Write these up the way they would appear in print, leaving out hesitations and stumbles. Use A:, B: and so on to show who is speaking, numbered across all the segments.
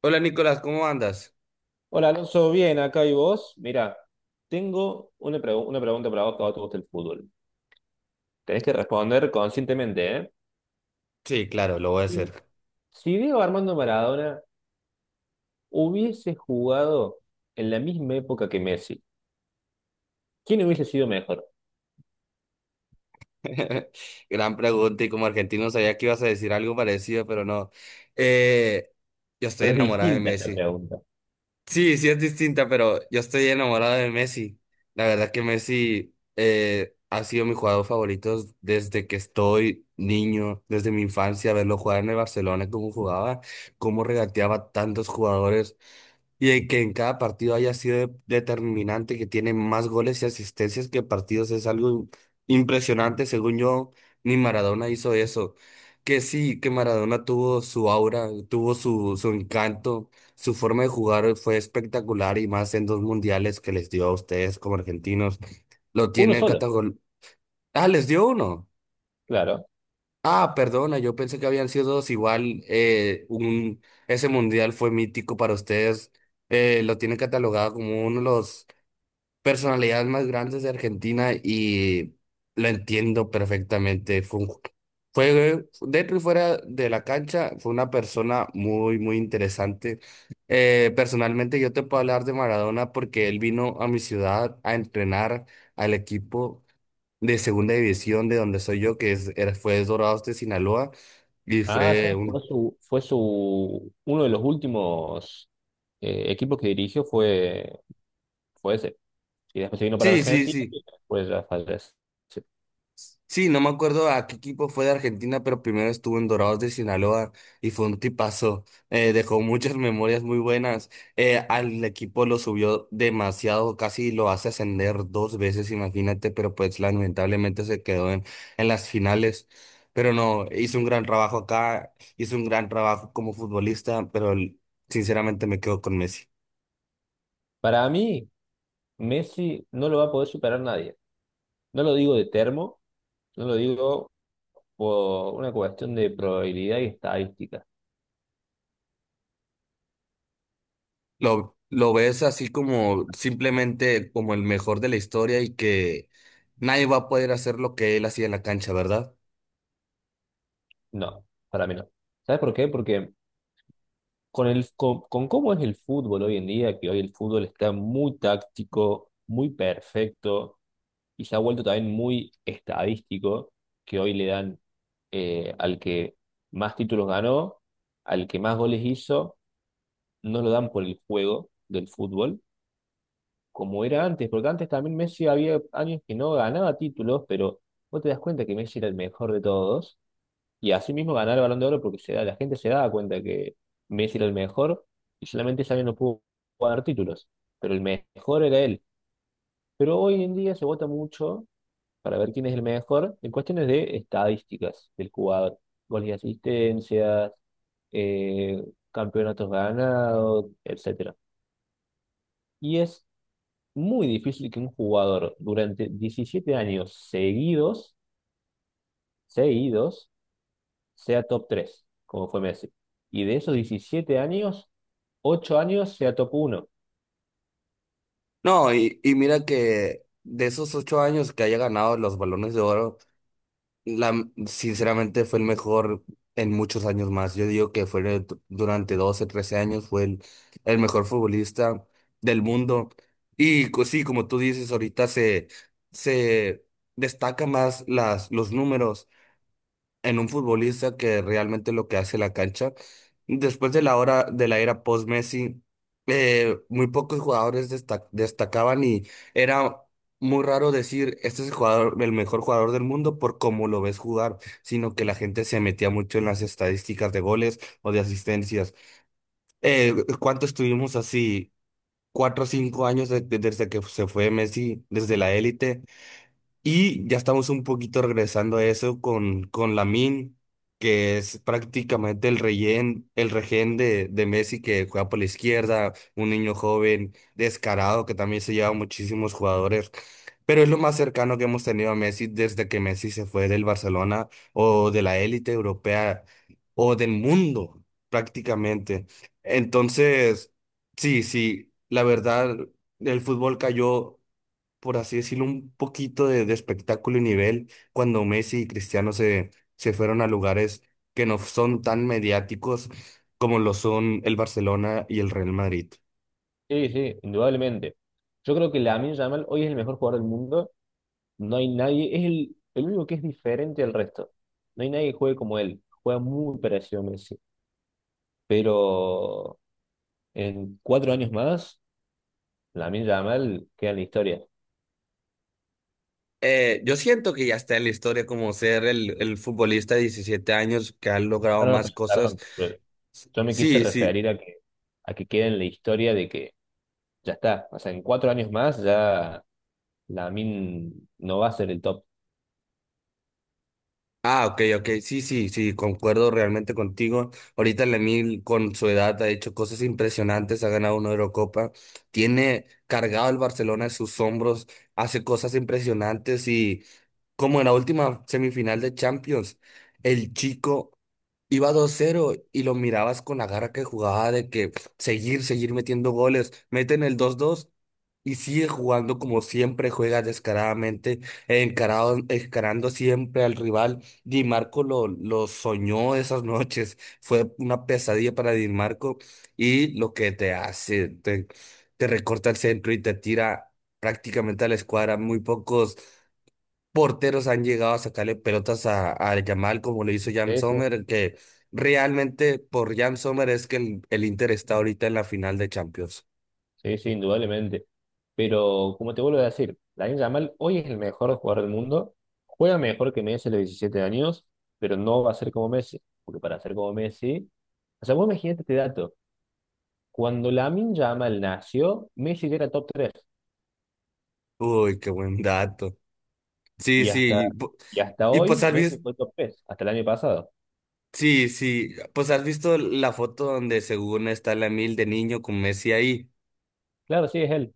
A: Hola Nicolás, ¿cómo andas?
B: Hola Alonso, bien, acá y vos. Mira, tengo una, una pregunta para vos que a vos te gusta el fútbol. Tenés que responder conscientemente, ¿eh?
A: Sí, claro, lo voy a
B: Si
A: hacer.
B: si Diego Armando Maradona hubiese jugado en la misma época que Messi, ¿quién hubiese sido mejor?
A: Gran pregunta y como argentino sabía que ibas a decir algo parecido, pero no. Eh, yo estoy
B: Pero es
A: enamorado de
B: distinta esta
A: Messi.
B: pregunta.
A: Sí, sí es distinta, pero yo estoy enamorado de Messi. La verdad que Messi ha sido mi jugador favorito desde que estoy niño, desde mi infancia, verlo jugar en el Barcelona, cómo jugaba, cómo regateaba tantos jugadores. Y de que en cada partido haya sido determinante, que tiene más goles y asistencias que partidos, es algo impresionante. Según yo, ni Maradona hizo eso. Que sí, que Maradona tuvo su aura, tuvo su encanto, su forma de jugar fue espectacular y más en dos mundiales que les dio a ustedes como argentinos. Lo
B: Uno
A: tienen
B: solo,
A: categor... Ah, les dio uno.
B: claro.
A: Ah, perdona, yo pensé que habían sido dos. Igual, ese mundial fue mítico para ustedes. Lo tienen catalogado como uno de los personalidades más grandes de Argentina y lo entiendo perfectamente. Fue dentro y fuera de la cancha, fue una persona muy interesante. Personalmente, yo te puedo hablar de Maradona porque él vino a mi ciudad a entrenar al equipo de segunda división de donde soy yo, fue Dorados de Sinaloa, y
B: Ah,
A: fue
B: ¿sabes? Fue
A: un...
B: su, fue su, uno de los últimos equipos que dirigió fue ese. Y después se vino para
A: Sí, sí,
B: Argentina
A: sí.
B: y después ya falleció.
A: Sí, no me acuerdo a qué equipo fue de Argentina, pero primero estuvo en Dorados de Sinaloa y fue un tipazo. Dejó muchas memorias muy buenas. Al equipo lo subió demasiado, casi lo hace ascender dos veces, imagínate, pero pues lamentablemente se quedó en las finales. Pero no, hizo un gran trabajo acá, hizo un gran trabajo como futbolista, sinceramente me quedo con Messi.
B: Para mí, Messi no lo va a poder superar nadie. No lo digo de termo, no lo digo por una cuestión de probabilidad y estadística.
A: Lo ves así como simplemente como el mejor de la historia y que nadie va a poder hacer lo que él hacía en la cancha, ¿verdad?
B: No, para mí no. ¿Sabes por qué? Porque con cómo es el fútbol hoy en día, que hoy el fútbol está muy táctico, muy perfecto y se ha vuelto también muy estadístico, que hoy le dan al que más títulos ganó, al que más goles hizo, no lo dan por el juego del fútbol como era antes, porque antes también Messi había años que no ganaba títulos, pero vos te das cuenta que Messi era el mejor de todos, y así mismo ganar el Balón de Oro porque la gente se daba cuenta que Messi era el mejor, y solamente ese año no pudo ganar títulos, pero el mejor era él. Pero hoy en día se vota mucho para ver quién es el mejor en cuestiones de estadísticas del jugador, goles y asistencias, eh, campeonatos ganados, etcétera. Y es muy difícil que un jugador durante 17 años seguidos, sea top 3 como fue Messi. Y de esos 17 años, 8 años sea top uno.
A: No, y mira que de esos ocho años que haya ganado los Balones de Oro, la, sinceramente fue el mejor en muchos años más. Yo digo que durante 12 13 años, el mejor futbolista del mundo. Sí, como tú dices, se destaca más los números en un futbolista que realmente lo que hace la cancha. Después de la hora de la era post-Messi, muy pocos jugadores destacaban y era muy raro decir, este es el jugador, el mejor jugador del mundo por cómo lo ves jugar, sino que la gente se metía mucho en las estadísticas de goles o de asistencias. Eh, ¿Cuánto estuvimos así? Cuatro o cinco años desde que se fue Messi, desde la élite. Y ya estamos un poquito regresando a eso con Lamine, que es prácticamente el rehén de Messi que juega por la izquierda, un niño joven, descarado, que también se lleva muchísimos jugadores. Pero es lo más cercano que hemos tenido a Messi desde que Messi se fue del Barcelona o de la élite europea o del mundo, prácticamente. Entonces, sí, sí, la verdad, el fútbol cayó por así decirlo, un poquito de espectáculo y nivel cuando Messi y Cristiano se fueron a lugares que no son tan mediáticos como lo son el Barcelona y el Real Madrid.
B: Sí, sí, indudablemente. Yo creo que Lamine Yamal hoy es el mejor jugador del mundo. No hay nadie, es el único que es diferente al resto. No hay nadie que juegue como él. Juega muy parecido a Messi. Pero en cuatro años más, Lamine Yamal queda en la historia.
A: Yo siento que ya está en la historia como ser el futbolista de 17 años que ha
B: Ah,
A: logrado
B: no, no,
A: más cosas.
B: perdón. Yo me quise
A: Sí, sí.
B: referir a que quede en la historia de que ya está. O sea, en cuatro años más ya min no va a ser el top.
A: Ah, ok, ok, sí, sí, sí, concuerdo realmente contigo. Ahorita Lemil con su edad ha hecho cosas impresionantes, ha ganado una Eurocopa, tiene cargado el Barcelona en sus hombros, hace cosas impresionantes y como en la última semifinal de Champions, el chico iba 2-0 y lo mirabas con la garra que jugaba de que seguir, seguir metiendo goles, meten el 2-2 y sigue jugando como siempre juega descaradamente, encarado, encarando siempre al rival. Di Marco lo soñó esas noches, fue una pesadilla para Di Marco y lo que te recorta el centro y te tira prácticamente a la escuadra, muy pocos porteros han llegado a sacarle pelotas a Yamal como lo hizo Jan
B: Ese,
A: Sommer, que realmente por Jan Sommer es que el Inter está ahorita en la final de Champions.
B: sí, sí, sí, indudablemente. Pero como te vuelvo a decir, Lamine Yamal hoy es el mejor jugador del mundo. Juega mejor que Messi a los 17 años, pero no va a ser como Messi. Porque para ser como Messi. O sea, vos imagínate este dato. Cuando Lamine Yamal nació, Messi ya era top tres.
A: Uy, qué buen dato. Sí,
B: Y hasta,
A: sí.
B: y hasta
A: Y pues
B: hoy,
A: has
B: Messi
A: visto,
B: fue top 3 hasta el año pasado.
A: sí, sí, pues has visto la foto donde según está la mil de niño con Messi ahí.
B: Claro, sí, es él.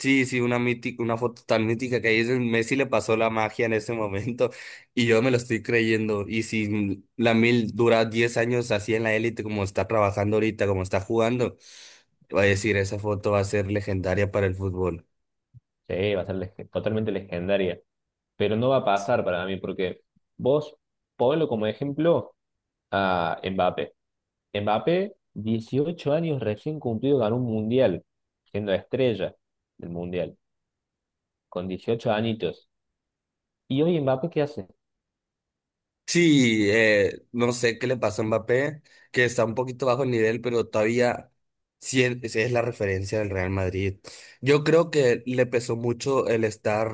A: Sí, sí, una mítica, una foto tan mítica que ahí es donde Messi le pasó la magia en ese momento y yo me lo estoy creyendo. Y si la mil dura 10 años así en la élite como está trabajando ahorita, como está jugando, va a decir, esa foto va a ser legendaria para el fútbol.
B: Sí, va a ser totalmente legendaria. Pero no va a pasar para mí, porque vos ponlo como ejemplo a Mbappé. Mbappé, 18 años recién cumplido, ganó un mundial, siendo estrella del mundial, con 18 añitos. ¿Y hoy Mbappé qué hace?
A: Sí, no sé qué le pasó a Mbappé, que está un poquito bajo el nivel, pero todavía sí es la referencia del Real Madrid. Yo creo que le pesó mucho el estar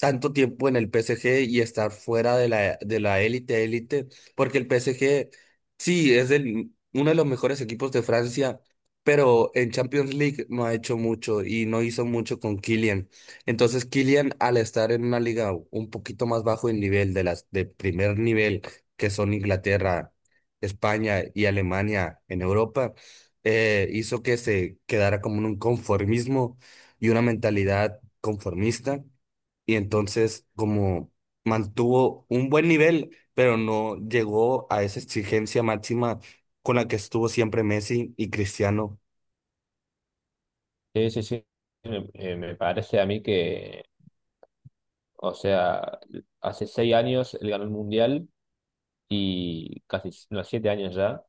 A: tanto tiempo en el PSG y estar fuera de de la élite, élite, porque el PSG sí es el, uno de los mejores equipos de Francia, pero en Champions League no ha hecho mucho y no hizo mucho con Kylian. Entonces, Kylian, al estar en una liga un poquito más bajo en nivel de las de primer nivel, que son Inglaterra, España y Alemania en Europa, hizo que se quedara como en un conformismo y una mentalidad conformista. Y entonces, como mantuvo un buen nivel, pero no llegó a esa exigencia máxima con la que estuvo siempre Messi y Cristiano.
B: Sí, sí, sí. Me parece a mí que, o sea, hace 6 años él ganó el mundial y casi, no, 7 años ya.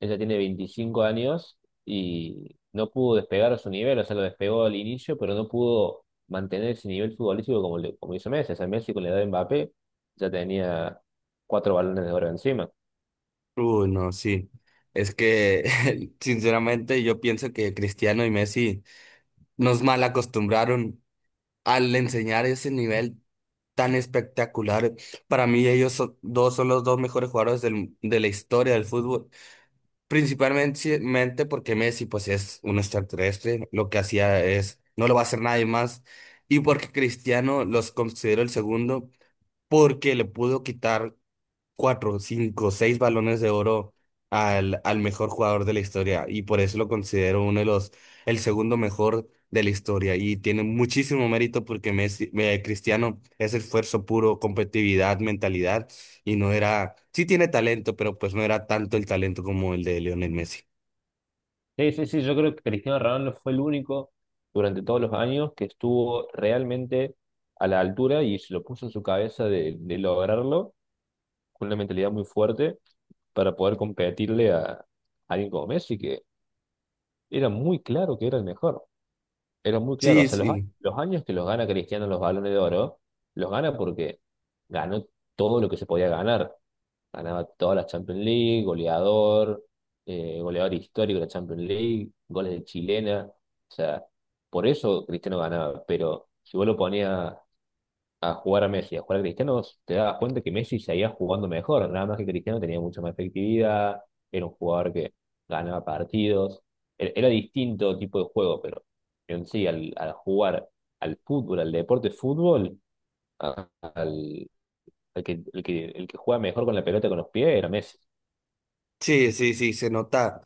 B: Ella tiene 25 años y no pudo despegar a su nivel, o sea, lo despegó al inicio, pero no pudo mantener ese nivel futbolístico como, como hizo Messi. O sea, Messi con la edad de Mbappé ya tenía cuatro balones de oro encima.
A: Uy, no, sí. Es que, sinceramente, yo pienso que Cristiano y Messi nos mal acostumbraron al enseñar ese nivel tan espectacular. Para mí, dos son los dos mejores jugadores de la historia del fútbol. Principalmente mente porque Messi, pues, es un extraterrestre. Lo que hacía es, no lo va a hacer nadie más. Y porque Cristiano los considero el segundo, porque le pudo quitar cuatro, cinco, seis balones de oro al mejor jugador de la historia y por eso lo considero uno de los, el segundo mejor de la historia y tiene muchísimo mérito porque Messi, Cristiano es esfuerzo puro, competitividad, mentalidad y no era, sí tiene talento, pero pues no era tanto el talento como el de Lionel Messi.
B: Sí, sí, sí, yo creo que Cristiano Ronaldo fue el único durante todos los años que estuvo realmente a la altura y se lo puso en su cabeza de lograrlo con una mentalidad muy fuerte para poder competirle a alguien como Messi, que era muy claro que era el mejor. Era muy claro, o
A: Sí,
B: sea,
A: sí,
B: los años que los gana Cristiano los balones de oro, los gana porque ganó todo lo que se podía ganar. Ganaba todas las Champions League, goleador, goleador histórico de la Champions League, goles de chilena. O sea, por eso Cristiano ganaba. Pero si vos lo ponías a jugar a Messi, a jugar a Cristiano, te dabas cuenta que Messi seguía jugando mejor, nada más que Cristiano tenía mucha más efectividad, era un jugador que ganaba partidos, era distinto tipo de juego, pero en sí, al jugar al fútbol, al deporte fútbol, a- al, al que, el que, el que juega mejor con la pelota con los pies era Messi.
A: sí, sí, sí, se nota.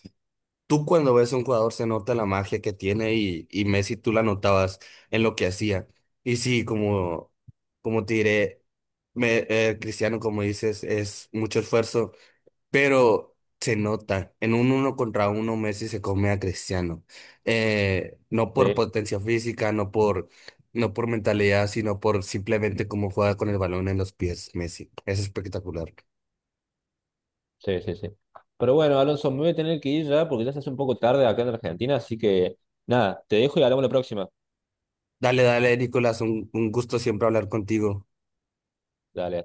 A: Tú cuando ves a un jugador se nota la magia que tiene y Messi tú la notabas en lo que hacía. Y sí, como, como te diré, Cristiano, como dices, es mucho esfuerzo, pero se nota. En un uno contra uno Messi se come a Cristiano. No por
B: Sí,
A: potencia física, no por mentalidad, sino por simplemente cómo juega con el balón en los pies Messi. Es espectacular.
B: sí, sí, sí. Pero bueno, Alonso, me voy a tener que ir ya porque ya se hace un poco tarde acá en Argentina, así que nada, te dejo y hablamos la próxima.
A: Dale, dale, Nicolás, un gusto siempre hablar contigo.
B: Dale, hasta